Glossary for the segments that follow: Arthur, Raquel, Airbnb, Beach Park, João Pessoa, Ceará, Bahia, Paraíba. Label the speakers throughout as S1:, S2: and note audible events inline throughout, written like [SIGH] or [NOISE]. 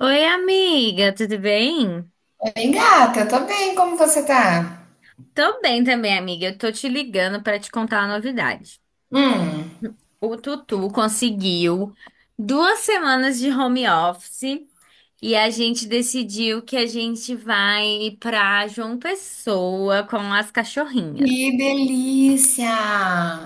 S1: Oi, amiga, tudo bem?
S2: Bem, gata, tô bem, como você tá?
S1: Tô bem também, amiga. Eu tô te ligando pra te contar uma novidade.
S2: Hum,
S1: O Tutu conseguiu duas semanas de home office e a gente decidiu que a gente vai pra João Pessoa com as
S2: que
S1: cachorrinhas.
S2: delícia!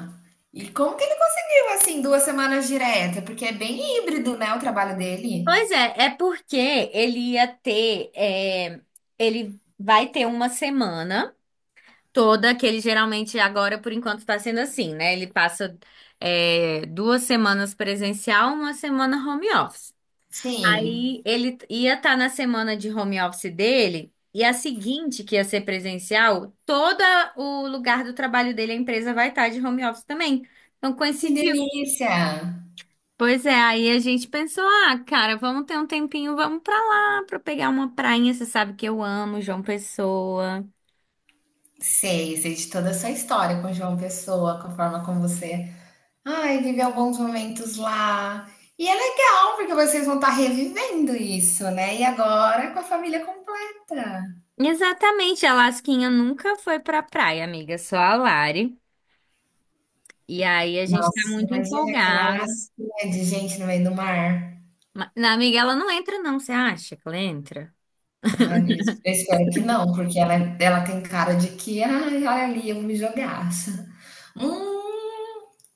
S2: E como que ele conseguiu, assim, duas semanas direta? Porque é bem híbrido, né, o trabalho dele?
S1: Pois é, é porque ele ia ter, ele vai ter uma semana. Toda, que ele geralmente agora, por enquanto, está sendo assim, né? Ele passa duas semanas presencial, uma semana home office.
S2: Sim,
S1: Aí ele ia estar na semana de home office dele, e a seguinte, que ia ser presencial, todo o lugar do trabalho dele, a empresa vai estar de home office também. Então
S2: que
S1: coincidiu.
S2: delícia!
S1: Pois é, aí a gente pensou, ah, cara, vamos ter um tempinho, vamos pra lá, pra pegar uma prainha, você sabe que eu amo João Pessoa.
S2: Sei, sei de toda a sua história com João Pessoa, com a forma como você, ai, vive alguns momentos lá. E é legal, porque vocês vão estar revivendo isso, né? E agora com a família completa.
S1: Exatamente, a Lasquinha nunca foi pra praia, amiga, é só a Lari. E aí a gente tá
S2: Nossa,
S1: muito
S2: imagina aquela
S1: empolgado.
S2: lacinha de gente no meio do mar.
S1: Na amiga, ela não entra não, você acha que ela entra?
S2: Ai, eu espero que não, porque ela tem cara de que, ai, olha ali, eu vou me jogar. [LAUGHS] Hum,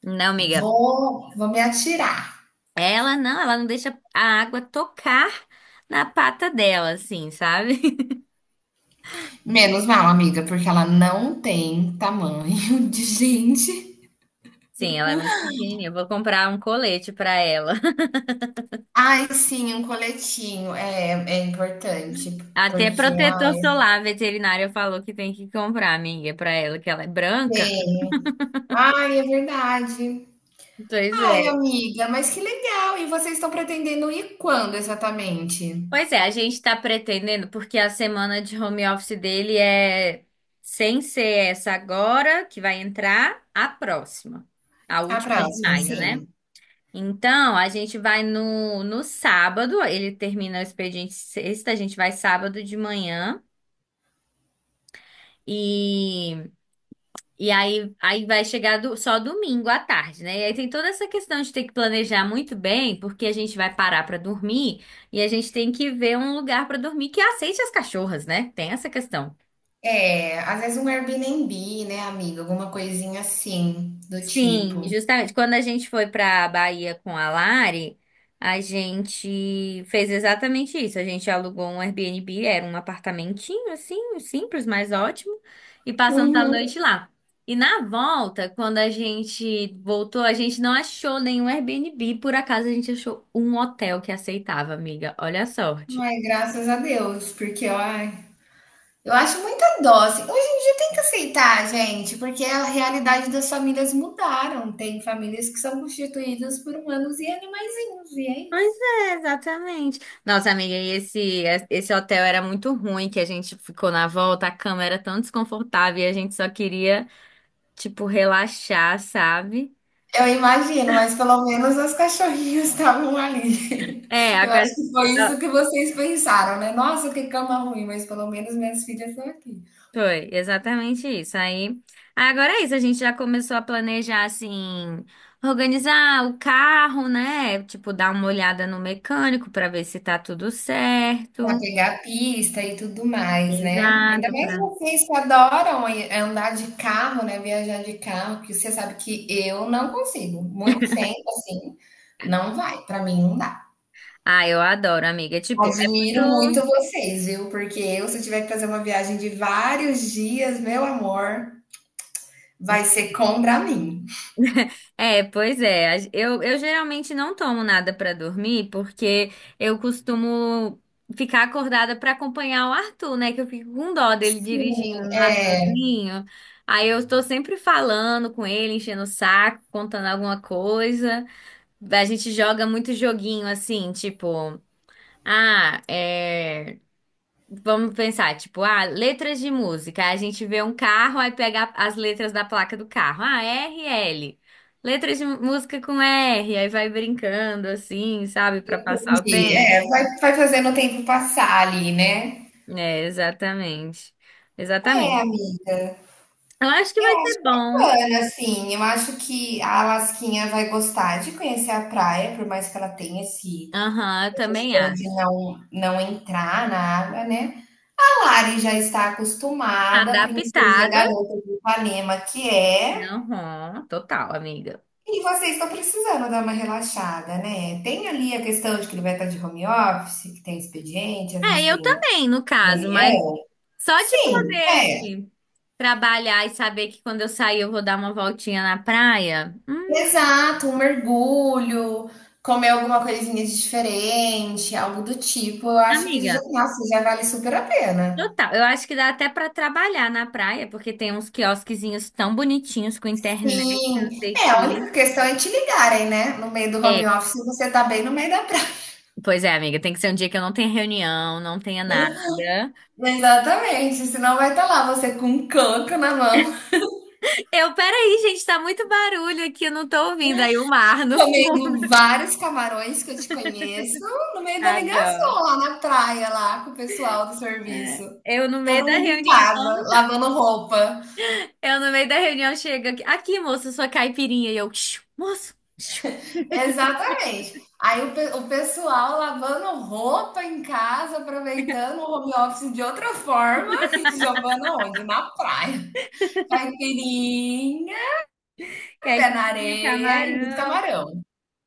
S1: Não, amiga,
S2: vou me atirar.
S1: ela não deixa a água tocar na pata dela, assim, sabe? [LAUGHS]
S2: Menos mal, amiga, porque ela não tem tamanho [LAUGHS] de gente.
S1: Sim, ela é muito pequenininha, eu vou comprar um colete pra ela. [LAUGHS]
S2: Ai, sim, um coletinho é importante,
S1: Até
S2: porque ela
S1: protetor solar, veterinário falou que tem que comprar, amiga, pra ela, que ela é branca.
S2: tem. Ai, é verdade.
S1: Pois
S2: Ai,
S1: é.
S2: amiga, mas que legal. E vocês estão pretendendo ir quando exatamente?
S1: Pois é, a gente tá pretendendo, porque a semana de home office dele é sem ser essa agora, que vai entrar, a próxima, a
S2: A
S1: última de
S2: próxima,
S1: maio,
S2: sim.
S1: né? Então, a gente vai no sábado, ele termina o expediente sexta, a gente vai sábado de manhã. e E aí, vai chegar só domingo à tarde, né? E aí tem toda essa questão de ter que planejar muito bem, porque a gente vai parar pra dormir e a gente tem que ver um lugar pra dormir que aceite as cachorras, né? Tem essa questão.
S2: É, às vezes um Airbnb, né, amiga? Alguma coisinha assim, do
S1: Sim,
S2: tipo.
S1: justamente. Quando a gente foi para a Bahia com a Lari, a gente fez exatamente isso. A gente alugou um Airbnb, era um apartamentinho assim, simples, mas ótimo, e passamos a
S2: Uhum.
S1: noite lá. E na volta, quando a gente voltou, a gente não achou nenhum Airbnb, por acaso a gente achou um hotel que aceitava, amiga. Olha a sorte.
S2: Ai, graças a Deus, porque ai, eu acho muita dose. Hoje em dia tem que aceitar, gente, porque a realidade das famílias mudaram. Tem famílias que são constituídas por humanos e animaizinhos, e é isso.
S1: Pois é, exatamente. Nossa, amiga, esse hotel era muito ruim, que a gente ficou na volta, a cama era tão desconfortável e a gente só queria, tipo, relaxar, sabe?
S2: Eu imagino, mas pelo menos as cachorrinhas estavam ali.
S1: É,
S2: [LAUGHS]
S1: a
S2: Eu acho
S1: casa...
S2: que foi isso que vocês pensaram, né? Nossa, que cama ruim, mas pelo menos minhas filhas estão aqui.
S1: Foi, exatamente isso. Aí, agora é isso, a gente já começou a planejar, assim, organizar o carro, né? Tipo, dar uma olhada no mecânico pra ver se tá tudo
S2: Pra
S1: certo.
S2: pegar a pista e tudo mais, né. Ainda
S1: Exato,
S2: mais
S1: pra...
S2: vocês que adoram aí andar de carro, né, viajar de carro, que você sabe que eu não consigo, muito tempo, assim, não vai, pra mim não dá.
S1: Ah, eu adoro, amiga. Tipo, é
S2: Admiro
S1: muito.
S2: muito vocês, viu, porque eu se tiver que fazer uma viagem de vários dias, meu amor, vai ser contra mim.
S1: É, pois é. Eu geralmente não tomo nada pra dormir, porque eu costumo ficar acordada pra acompanhar o Arthur, né? Que eu fico com dó dele
S2: Sim,
S1: dirigindo lá
S2: é,
S1: sozinho. Aí eu estou sempre falando com ele, enchendo o saco, contando alguma coisa. A gente joga muito joguinho assim, tipo, ah, é. Vamos pensar, tipo, ah, letras de música. Aí a gente vê um carro, aí pega as letras da placa do carro. Ah, é R, L. Letras de música com R, aí vai brincando assim, sabe, pra passar o
S2: entendi.
S1: tempo.
S2: É, vai fazendo o tempo passar ali, né.
S1: É, exatamente.
S2: É,
S1: Exatamente.
S2: amiga,
S1: Eu acho que
S2: eu
S1: vai
S2: acho
S1: ser bom.
S2: bacana, assim. Eu acho que a Lasquinha vai gostar de conhecer a praia, por mais que ela tenha esse,
S1: Aham, eu
S2: essa
S1: também
S2: questão de
S1: acho.
S2: não entrar na água, né? A Lari já está acostumada, a princesa
S1: Adaptada.
S2: garota de Ipanema que é.
S1: Aham, total, amiga.
S2: E vocês estão precisando dar uma relaxada, né? Tem ali a questão de que ele vai estar de home office, que tem expediente, às
S1: É,
S2: vezes
S1: eu
S2: tem
S1: também, no caso, mas
S2: reunião.
S1: só de
S2: Sim, é.
S1: poder trabalhar e saber que quando eu sair eu vou dar uma voltinha na praia.
S2: Exato, um mergulho, comer alguma coisinha de diferente, algo do tipo, eu acho que já,
S1: Amiga,
S2: nossa, já vale super a pena.
S1: total. Eu acho que dá até pra trabalhar na praia, porque tem uns quiosquezinhos tão bonitinhos com internet, não
S2: Sim,
S1: sei o
S2: é, a única
S1: quê.
S2: questão é te ligarem, né? No meio do home
S1: É,
S2: office, você tá bem no meio da praia.
S1: pois é, amiga, tem que ser um dia que eu não tenha reunião, não tenha nada.
S2: [LAUGHS] Exatamente, senão vai estar lá você com um canto na mão,
S1: Eu, peraí, gente, tá muito barulho aqui, eu não tô ouvindo aí o mar
S2: [LAUGHS]
S1: no fundo.
S2: comendo vários camarões que eu te conheço, no meio
S1: [LAUGHS]
S2: da
S1: Adoro.
S2: ligação lá na praia, lá com o pessoal do
S1: É,
S2: serviço.
S1: eu no
S2: Todo
S1: meio da
S2: mundo em casa,
S1: reunião.
S2: lavando roupa.
S1: Eu no meio da reunião chego aqui, aqui, moço, sua caipirinha. E eu, "Xiu, moço, xiu,
S2: Exatamente. O pessoal lavando roupa em casa, aproveitando o home office de outra forma [LAUGHS] e jogando onde? Na praia. Caipirinha, pé na
S1: caipirinha,
S2: areia e muito
S1: camarão.
S2: camarão.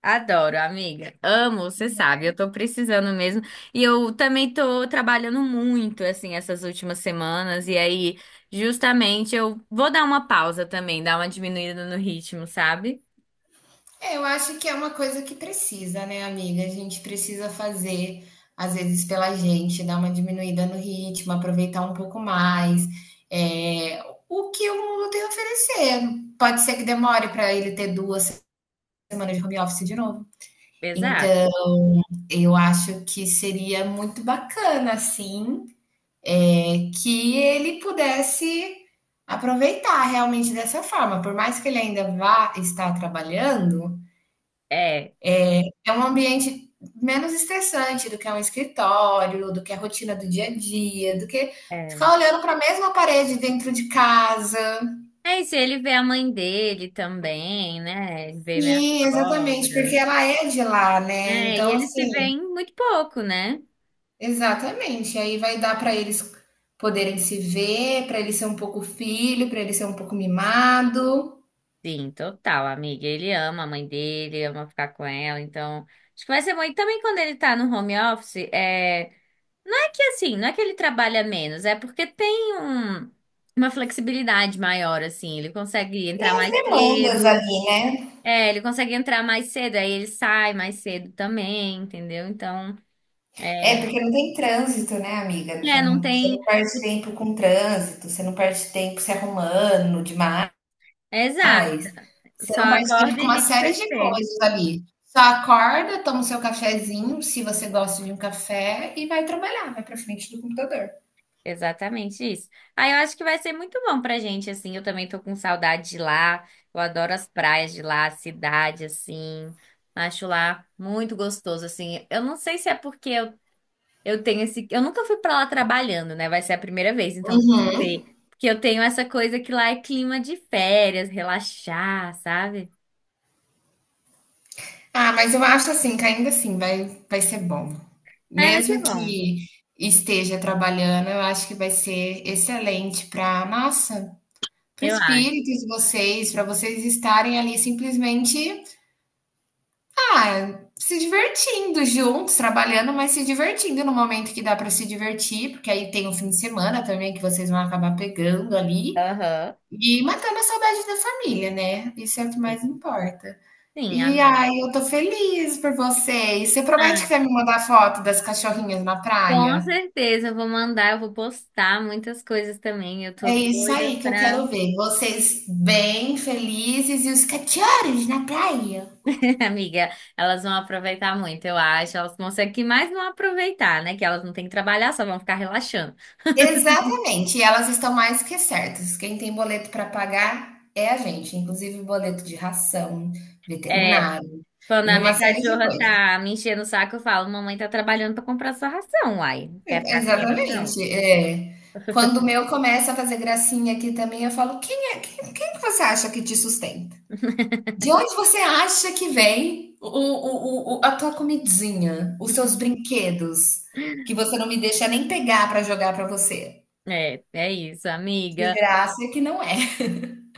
S1: Adoro, amiga. Amo, você sabe, eu tô precisando mesmo. E eu também tô trabalhando muito, assim, essas últimas semanas. E aí, justamente, eu vou dar uma pausa também, dar uma diminuída no ritmo, sabe?
S2: É, eu acho que é uma coisa que precisa, né, amiga? A gente precisa fazer, às vezes, pela gente, dar uma diminuída no ritmo, aproveitar um pouco mais. É, o que o mundo tem a oferecer. Pode ser que demore para ele ter duas semanas de home office de novo. Então,
S1: Exato.
S2: eu acho que seria muito bacana, assim, é, que ele pudesse aproveitar realmente dessa forma. Por mais que ele ainda vá estar trabalhando,
S1: É,
S2: é um ambiente menos estressante do que é um escritório, do que é a rotina do dia a dia, do que
S1: é.
S2: ficar olhando para a mesma parede dentro de casa.
S1: É, e se ele vê a mãe dele também, né? Ele vê minha
S2: Sim, exatamente, porque
S1: sogra.
S2: ela é de lá, né?
S1: É, e
S2: Então,
S1: eles se
S2: assim,
S1: veem muito pouco, né?
S2: exatamente. Aí vai dar para eles poderem se ver, para ele ser um pouco filho, para ele ser um pouco mimado.
S1: Sim, total, amiga. Ele ama a mãe dele, ama ficar com ela, então acho que vai ser bom. E também quando ele tá no home office, é... não é que assim, não é que ele trabalha menos, é porque tem um... uma flexibilidade maior, assim. Ele consegue
S2: Tem
S1: entrar
S2: as
S1: mais
S2: demandas
S1: cedo,
S2: ali, né?
S1: ele consegue entrar mais cedo, aí ele sai mais cedo também, entendeu? Então,
S2: É
S1: é,
S2: porque não tem trânsito, né, amiga?
S1: é, não
S2: Você
S1: tem.
S2: não perde tempo com trânsito, você não perde tempo se arrumando demais.
S1: Exato,
S2: Você
S1: só
S2: não perde tempo
S1: acorda
S2: com
S1: e
S2: uma
S1: liga o
S2: série de
S1: PC.
S2: coisas ali. Só acorda, toma o seu cafezinho, se você gosta de um café, e vai trabalhar, vai para frente do computador.
S1: Exatamente isso. Ah, eu acho que vai ser muito bom pra gente, assim. Eu também tô com saudade de lá. Eu adoro as praias de lá, a cidade, assim. Acho lá muito gostoso, assim. Eu não sei se é porque eu tenho esse. Eu nunca fui pra lá trabalhando, né? Vai ser a primeira vez, então não
S2: Uhum.
S1: sei. Porque eu tenho essa coisa que lá é clima de férias, relaxar, sabe?
S2: Ah, mas eu acho assim que ainda assim vai ser bom.
S1: Ah, vai ser
S2: Mesmo
S1: bom,
S2: que esteja trabalhando, eu acho que vai ser excelente pra nossa, para o
S1: eu acho.
S2: espírito de vocês, para vocês estarem ali simplesmente, ah, se divertindo juntos, trabalhando, mas se divertindo no momento que dá para se divertir, porque aí tem o fim de semana também que vocês vão acabar pegando ali,
S1: Aham.
S2: e matando a saudade da família, né, isso é o que
S1: Sim,
S2: mais importa.
S1: sim,
S2: E
S1: amém.
S2: aí, eu tô feliz por você. E você promete que vai me mandar foto das cachorrinhas na
S1: Com
S2: praia?
S1: certeza, eu vou mandar, eu vou postar muitas coisas também. Eu tô
S2: É isso
S1: doida
S2: aí que eu
S1: pra.
S2: quero ver. Vocês bem felizes e os cachorros na praia.
S1: [LAUGHS] Amiga, elas vão aproveitar muito, eu acho. Elas conseguem que mais não aproveitar, né? Que elas não têm que trabalhar, só vão ficar relaxando.
S2: Exatamente, e elas estão mais que certas. Quem tem boleto para pagar é a gente, inclusive boleto de ração,
S1: É,
S2: veterinário
S1: quando
S2: e
S1: a
S2: uma
S1: minha
S2: série de
S1: cachorra
S2: coisas.
S1: tá me enchendo o saco, eu falo: Mamãe tá trabalhando pra comprar sua ração, uai. Quer ficar sem ração?
S2: Exatamente, é. Quando o meu começa a fazer gracinha aqui também, eu falo: quem é, quem que você acha que te sustenta? De onde você acha que vem o a tua comidinha, os seus brinquedos, que você não me deixa nem pegar para jogar para você?
S1: É, é isso,
S2: De
S1: amiga.
S2: graça que não é,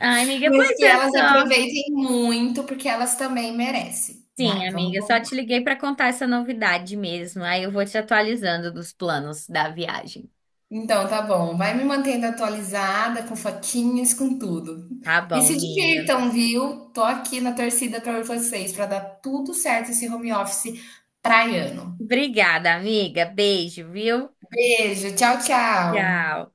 S1: Ai, amiga, pois
S2: mas que
S1: é
S2: elas
S1: só.
S2: aproveitem muito, porque elas também merecem.
S1: Sim,
S2: Vai, vamos
S1: amiga, eu só te liguei pra contar essa novidade mesmo. Aí eu vou te atualizando dos planos da viagem.
S2: então tá bom, vai me mantendo atualizada com fotinhas, com tudo.
S1: Tá
S2: E
S1: bom,
S2: se
S1: amiga.
S2: divirtam, viu? Tô aqui na torcida para vocês para dar tudo certo esse home office praiano.
S1: Obrigada, amiga. Beijo, viu?
S2: Beijo, tchau, tchau.
S1: Tchau.